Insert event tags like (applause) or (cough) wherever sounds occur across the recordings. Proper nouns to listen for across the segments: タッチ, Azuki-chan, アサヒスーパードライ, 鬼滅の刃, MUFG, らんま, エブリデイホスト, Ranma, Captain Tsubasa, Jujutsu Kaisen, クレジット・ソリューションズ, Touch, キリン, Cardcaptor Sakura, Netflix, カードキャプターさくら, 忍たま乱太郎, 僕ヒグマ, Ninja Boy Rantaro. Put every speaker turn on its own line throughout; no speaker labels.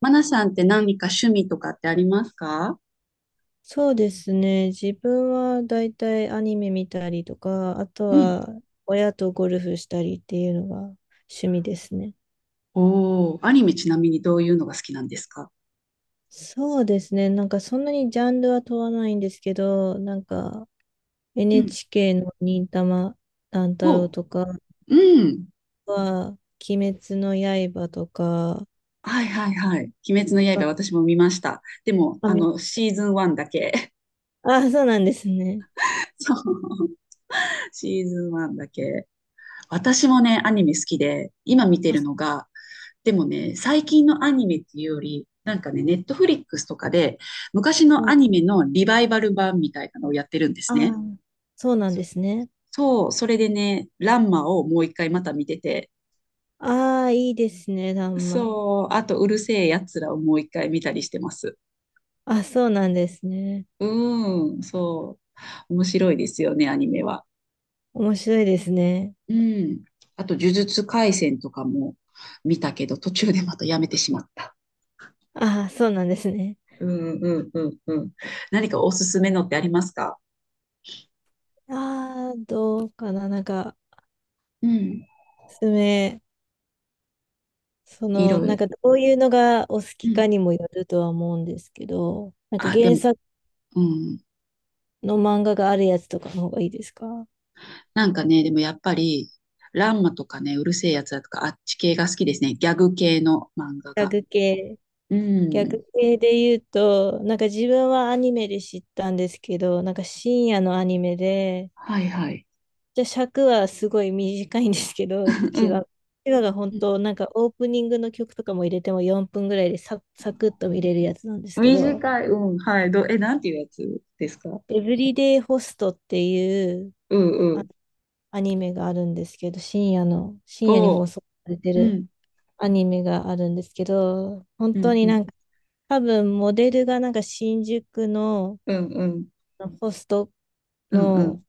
マナさんって何か趣味とかってありますか？
そうですね。自分はだいたいアニメ見たりとか、あと
うん、
は親とゴルフしたりっていうのが趣味ですね。
おー、アニメちなみにどういうのが好きなんですか？
そうですね。なんかそんなにジャンルは問わないんですけど、なんか
うん、
NHK の忍たま乱太
お
郎
う、
とか
うん。
は、鬼滅の刃とか、
はいはいはい。鬼滅の刃私も見ました。でも、
あ、見ました。
シーズン1だけ。
あ、そうなんですね。
(laughs) そう。シーズン1だけ。私もね、アニメ好きで、今見て
あ、
る
す
のが、でもね、最近のアニメっていうより、なんかね、ネットフリックスとかで、昔の
ご
ア
い。
ニメのリバイバル版みたいなのをやってるんです
あ、
ね。
そうなんですね。
そう、それでね、ランマをもう一回また見てて、
ああ、いいですね、らんま。
そう、あとうるせえやつらをもう一回見たりしてます。
あ、そうなんですね。
うん、そう。面白いですよね、アニメは。
面白いですね。
うん。あと、呪術廻戦とかも見たけど、途中でまたやめてしまった。
ああ、そうなんですね。
うんうんうんうん。何かおすすめのってありますか？
ああ、どうかな。なんか、
うん。
おめ、そ
い
の、
ろ
な
い
ん
ろ。
か、どういうのがお好
う
きか
ん。
にもよるとは思うんですけど、なんか
あ、で
原
も、
作
うん。
の漫画があるやつとかの方がいいですか？
なんかね、でもやっぱり、ランマとかね、うるせえやつらとか、あっち系が好きですね。ギャグ系の漫画が。
逆系。
う
逆
ん。
系で言うと、なんか自分はアニメで知ったんですけど、なんか深夜のアニメで、
はいはい。
じゃあ尺はすごい短いんですけど、(laughs)
(laughs) う
1話。1話が本
ん。
当、なんかオープニングの曲とかも入れても4分ぐらいでサクッと見れるやつなんですけど、
短い、うん、はい。なんていうやつですか？
エブリデイホストっていう
うんう
あ
ん。
アニメがあるんですけど、深夜に
お
放
う。
送されて
う
る
ん、
アニメがあるんですけど、本
う
当
ん、う
にな
ん、
んか、多分モデルがなんか新宿の
うん、うん、
ホスト
うん、う
の
ん。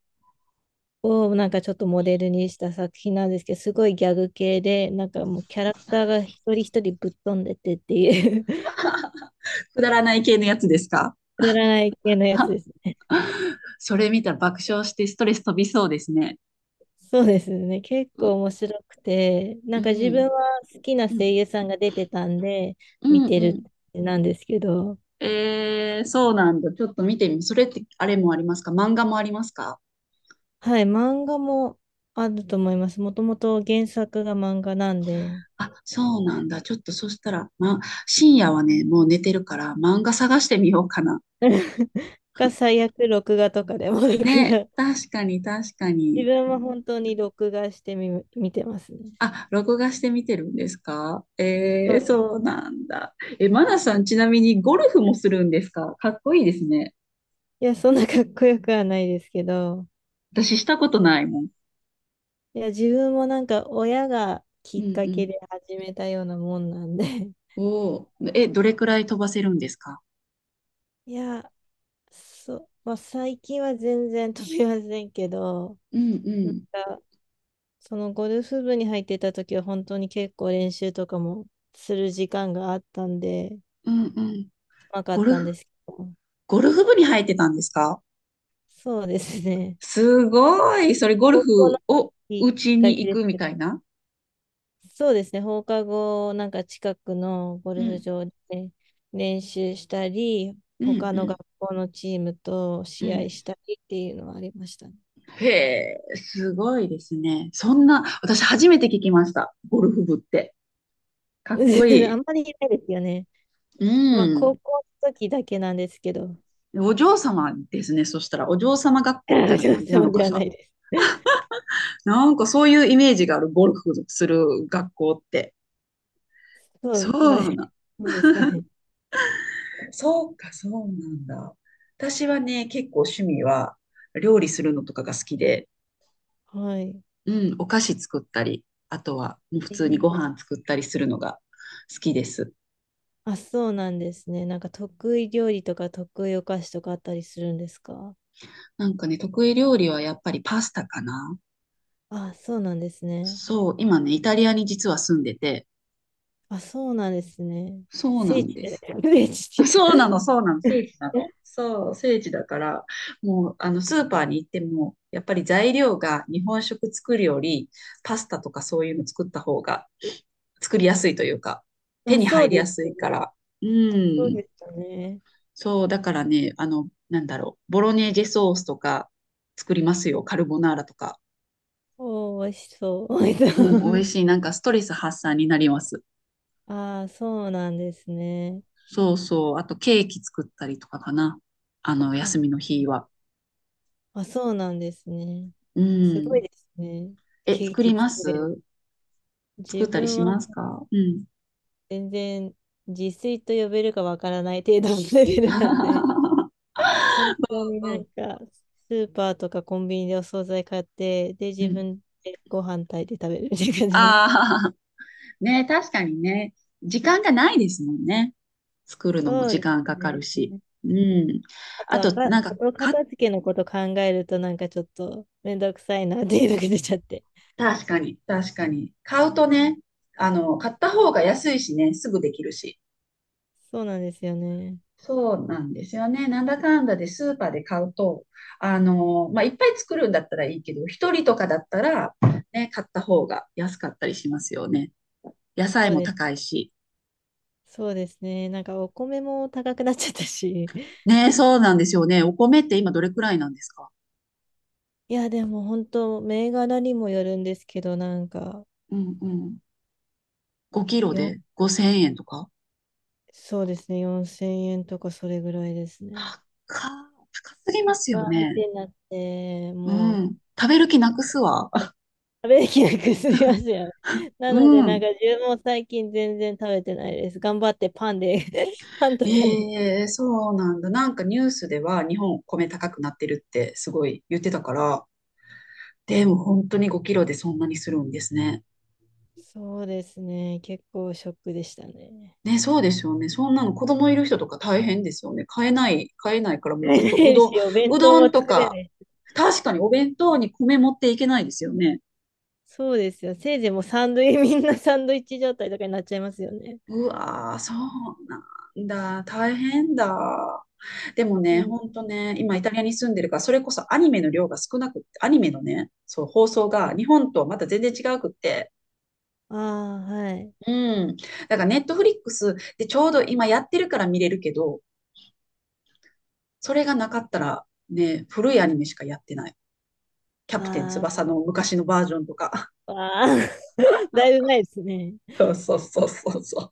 をなんかちょっとモデルにした作品なんですけど、すごいギャグ系で、なんかもうキャラクターが一人一人ぶっ飛んでてっていう (laughs) く
くだらない系のやつですか？
だらない系のやつ
は
ですね。
(laughs) それ見たら爆笑してストレス飛びそうですね。
(laughs) そうですね。結
う
構
ん、
面白くて、な
う
んか自分は
ん、
好きな
う
声
ん、
優さんが出てたんで、
う
見
ん
て
う
る
ん。
なんですけど、
えー、そうなんだ。ちょっと見てみ。それってあれもありますか？漫画もありますか？
はい、漫画もあると思います。もともと原作が漫画なんで、
あ、そうなんだ。ちょっとそしたら、ま、深夜はね、もう寝てるから漫画探してみようかな。
(laughs) が最悪録画とかでも録
ね、
画。
確かに確か
自
に。
分は本当に録画してみ、見てますね。
あ、録画して見てるんですか？
そ
えー、
う
そうなんだ。え、マナさん、ちなみにゴルフもするんですか？かっこいいですね。
いや、そんなかっこよくはないですけど、
私したことないもん。
いや、自分もなんか親がき
うん
っか
う
け
ん。
で始めたようなもんなんで、(laughs)
おお。え、どれくらい飛ばせるんですか？
いや、そう、まあ、最近は全然飛びませんけど、
うんう
なん
ん。
か、そのゴルフ部に入ってた時は本当に結構練習とかもする時間があったんで、う
うんうん。
まかっ
ゴル
たんで
フ、
すけど、
ゴルフ部に入ってたんですか？
そうですね。
すごい。それゴ
(laughs)
ル
高校
フ
の
を
時
打ち
だ
に行
け
くみ
です。
たいな。
そうですね、放課後、なんか近くのゴ
う
ルフ
ん
場で練習したり、
うん
他
う
の学
ん
校のチームと
う
試合
ん。
したりっていうのはありましたね。
へえ、すごいですね。そんな、私初めて聞きました。ゴルフ部って。かっこい
(laughs) あ
い。
んまりいないですよね。
う
まあ、
ん。
高校の時だけなんですけど、
お嬢様ですね。そしたら、お嬢様学
(laughs)
校みたいな感じな
そ
の
う
か
では
し
な
ら。
いです。
なんかそういうイメージがある、ゴルフする学校って。
そ
そ
うなん (laughs) そ
うな、
うですかね。
そうか、そうなんだ。私はね、結構趣味は料理するのとかが好きで、
はい。
うん、お菓子作ったり、あとはもう
え
普通に
ー、
ご飯作ったりするのが好きです。
あ、そうなんですね。なんか得意料理とか得意お菓子とかあったりするんですか？
なんかね、得意料理はやっぱりパスタかな。
あ、そうなんですね。
そう、今ね、イタリアに実は住んでて、
あ、そうなんですね。
そうな
聖
ん
地
で
じゃない
す。
ですか。(laughs) 聖
(laughs)
地っ
そうな
て
の、そうなの、
い
聖
う
地なの。そう、聖地だから、もう、スーパーに行っても、やっぱり材料が日本食作るより、パスタとかそういうの作った方が、作りやすいというか、
か (laughs)
手
あ、
に
そ
入
う
り
で
やすい
す。
から。う
そう
ん。
でしたね。
そう、だからね、なんだろう、ボロネーゼソースとか作りますよ、カルボナーラとか。
おー、美味しそう。(laughs) 美味し
うん、
そ
美味
う。
しい。なんかストレス発散になります。
(laughs) ああ、そうなんですね。
そうそう。あとケーキ作ったりとかかな。休
あ、
みの日は。
あ、そうなんですね。
う
すご
ん。
いですね。
え、
ケーキ作れる。
作
自
ったり
分
し
は
ますか？うん。
全然自炊と呼べるかわからない程度のレベルなんで、
(laughs)
(laughs) 本当に
う
なん
ん。
か、スーパーとかコンビニでお惣菜買って、で、
う
自
ん。
分でご飯炊いて食べるみたいな感じなんで。
ああ、ね、確かにね。時間がないですもんね。作るのも
そう
時
で
間か
す
か
ね。
るし。うん。
あと
あ
は
と、
か、
なんか、
後
か、
片付けのこと考えるとなんかちょっとめんどくさいなっていうのが出ちゃって。
確かに、確かに。買うとね、買った方が安いしね、すぐできるし。
(laughs) そうなんですよね。
そうなんですよね。なんだかんだでスーパーで買うと、まあ、いっぱい作るんだったらいいけど、一人とかだったら、ね、買った方が安かったりしますよね。野
そ
菜
う
も
です。
高いし。
そうですね。なんかお米も高くなっちゃったし。(laughs)
ね、そうなんですよね。お米って今どれくらいなんですか？
いや、でも本当、銘柄にもよるんですけど、なんか、
うんうん。5キロ
よ、
で5000円とか？
そうですね。4000円とかそれぐらいですね。
高すぎますよ
高いっ
ね。
てなって、
う
もう
ん。食べる気なくすわ。
食べきなくすみま
(laughs)
すよね。な
う
ので、なん
ん。
か自分も最近全然食べてないです。頑張ってパンで (laughs) パンとかね。
ええそうなんだ。なんかニュースでは日本米高くなってるってすごい言ってたから、でも本当に5キロでそんなにするんですね。
そうですね。結構ショックでしたね。
ね、そうですよね。そんなの子供いる人とか大変ですよね。買えない、買えないから
(laughs)
もう
買
ずっと
えな
う
い
どん、
し、お弁
う
当
ど
も
んと
作れ
か、
ない。
確かにお弁当に米持っていけないですよね。
そうですよ。せいぜいもうサンドイッチ、みんなサンドイッチ状態とかになっちゃいますよね。
うわー、そうなんだ。大変だ。でも
そ
ね、
うなん
ほ
だ。
んとね、今イタリアに住んでるから、それこそアニメの量が少なくって、アニメのね、そう、放送が日本とはまた全然違うくって、
ああ、はい。
うん。だからネットフリックスでちょうど今やってるから見れるけど、それがなかったら、ね、古いアニメしかやってない。キャプテン翼
あ
の昔のバージョンとか。
あ、ああ (laughs) だいぶ前ですね。
(laughs) そうそうそうそうそう。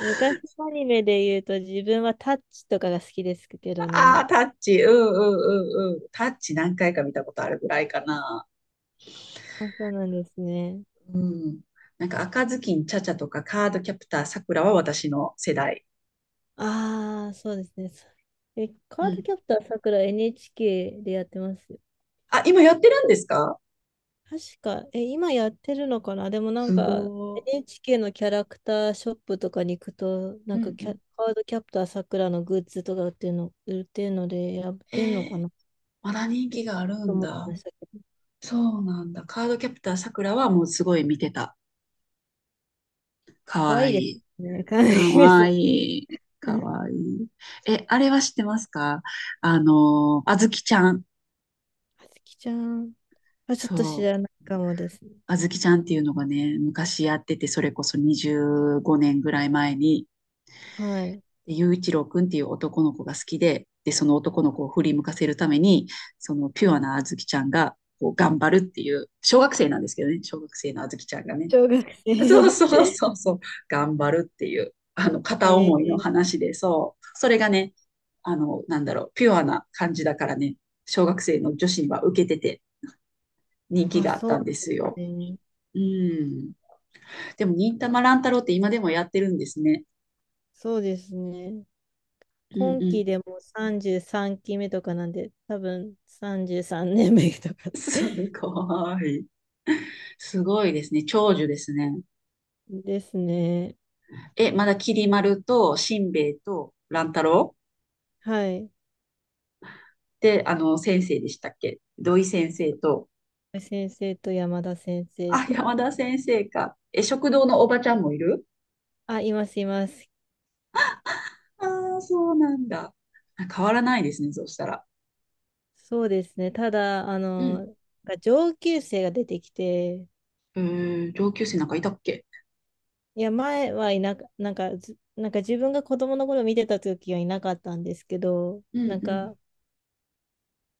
昔のアニメで言うと自分はタッチとかが好きですけど
ああ、
ね。
タッチ、うんうんうんうん。タッチ何回か見たことあるぐらいかな。
あ、そうなんですね。
うん。なんか赤ずきんちゃちゃとかカードキャプターさくらは私の世代。
ああ、そうですね。
う
カード
ん。
キャプターさくら NHK でやってますよ。
あ、今やってるんですか？
確か、え、今やってるのかな？でもなん
す
か
ごー。
NHK のキャラクターショップとかに行くと、な
う
んか
んうん。
カードキャプターさくらのグッズとか売ってるので、やっ
え
てんのか
ー、
なっ
まだ人
て
気があるん
思って
だ。
ましたけど。
そうなんだ。カードキャプターさくらはもうすごい見てた。か
かわ
わ
いい
い
で
い。
すね。かわい
か
いです
わ
ね。
いい。か
(laughs)
わいい。え、あれは知ってますか？あずきちゃん。
あつきちゃんはちょっと
そ
知
う。
らないかもですね。
あずきちゃんっていうのがね、昔やってて、それこそ25年ぐらい前に、
はい。
でゆういち一郎くんっていう男の子が好きで、で、その男の子を振り向かせるために、そのピュアなあずきちゃんが、こう頑張るっていう、小学生なんですけどね、小学生のあずきちゃんがね、
小学
(laughs) そう
生。
そう
(laughs)
そうそう、頑張るっていう、片
え
思いの
ー、
話で、そう、それがね、なんだろう、ピュアな感じだからね、小学生の女子には受けてて人気
あ、
があっ
そう
たんで
なん
す
です
よ。
ね。
うん。でも、忍たま乱太郎って今でもやってるんですね。
そうですね。
うん
今
う
期
ん。
でも33期目とかなんで、多分33年目とか
す
(laughs)
ごい。すごいですね。長寿ですね。
ですね。
え、まだきり丸としんべヱと乱太郎
はい。
って、先生でしたっけ？土井先生と、
先生と山田先生
あ、山
と。
田先生か。え、食堂のおばちゃんもいる？
あ、います、います。
ああ、そうなんだ。あ、変わらないですね、そうしたら。
そうですね。ただ、あ
うん。
の、上級生が出てきて、
えー、上級生なんかいたっけ？
いや、前はいなか、なんかず、なんか自分が子供の頃見てた時はいなかったんですけど、
うん
なん
うん。
か、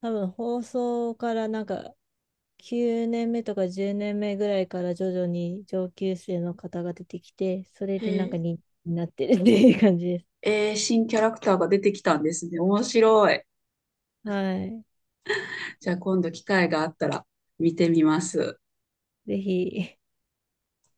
多分放送からなんか9年目とか10年目ぐらいから徐々に上級生の方が出てきて、それでな
へ
んか
え。
人になってるっていう感じです。
えー、新キャラクターが出てきたんですね。面白い。
はい。
じゃあ今度機会があったら見てみます。
ぜひ、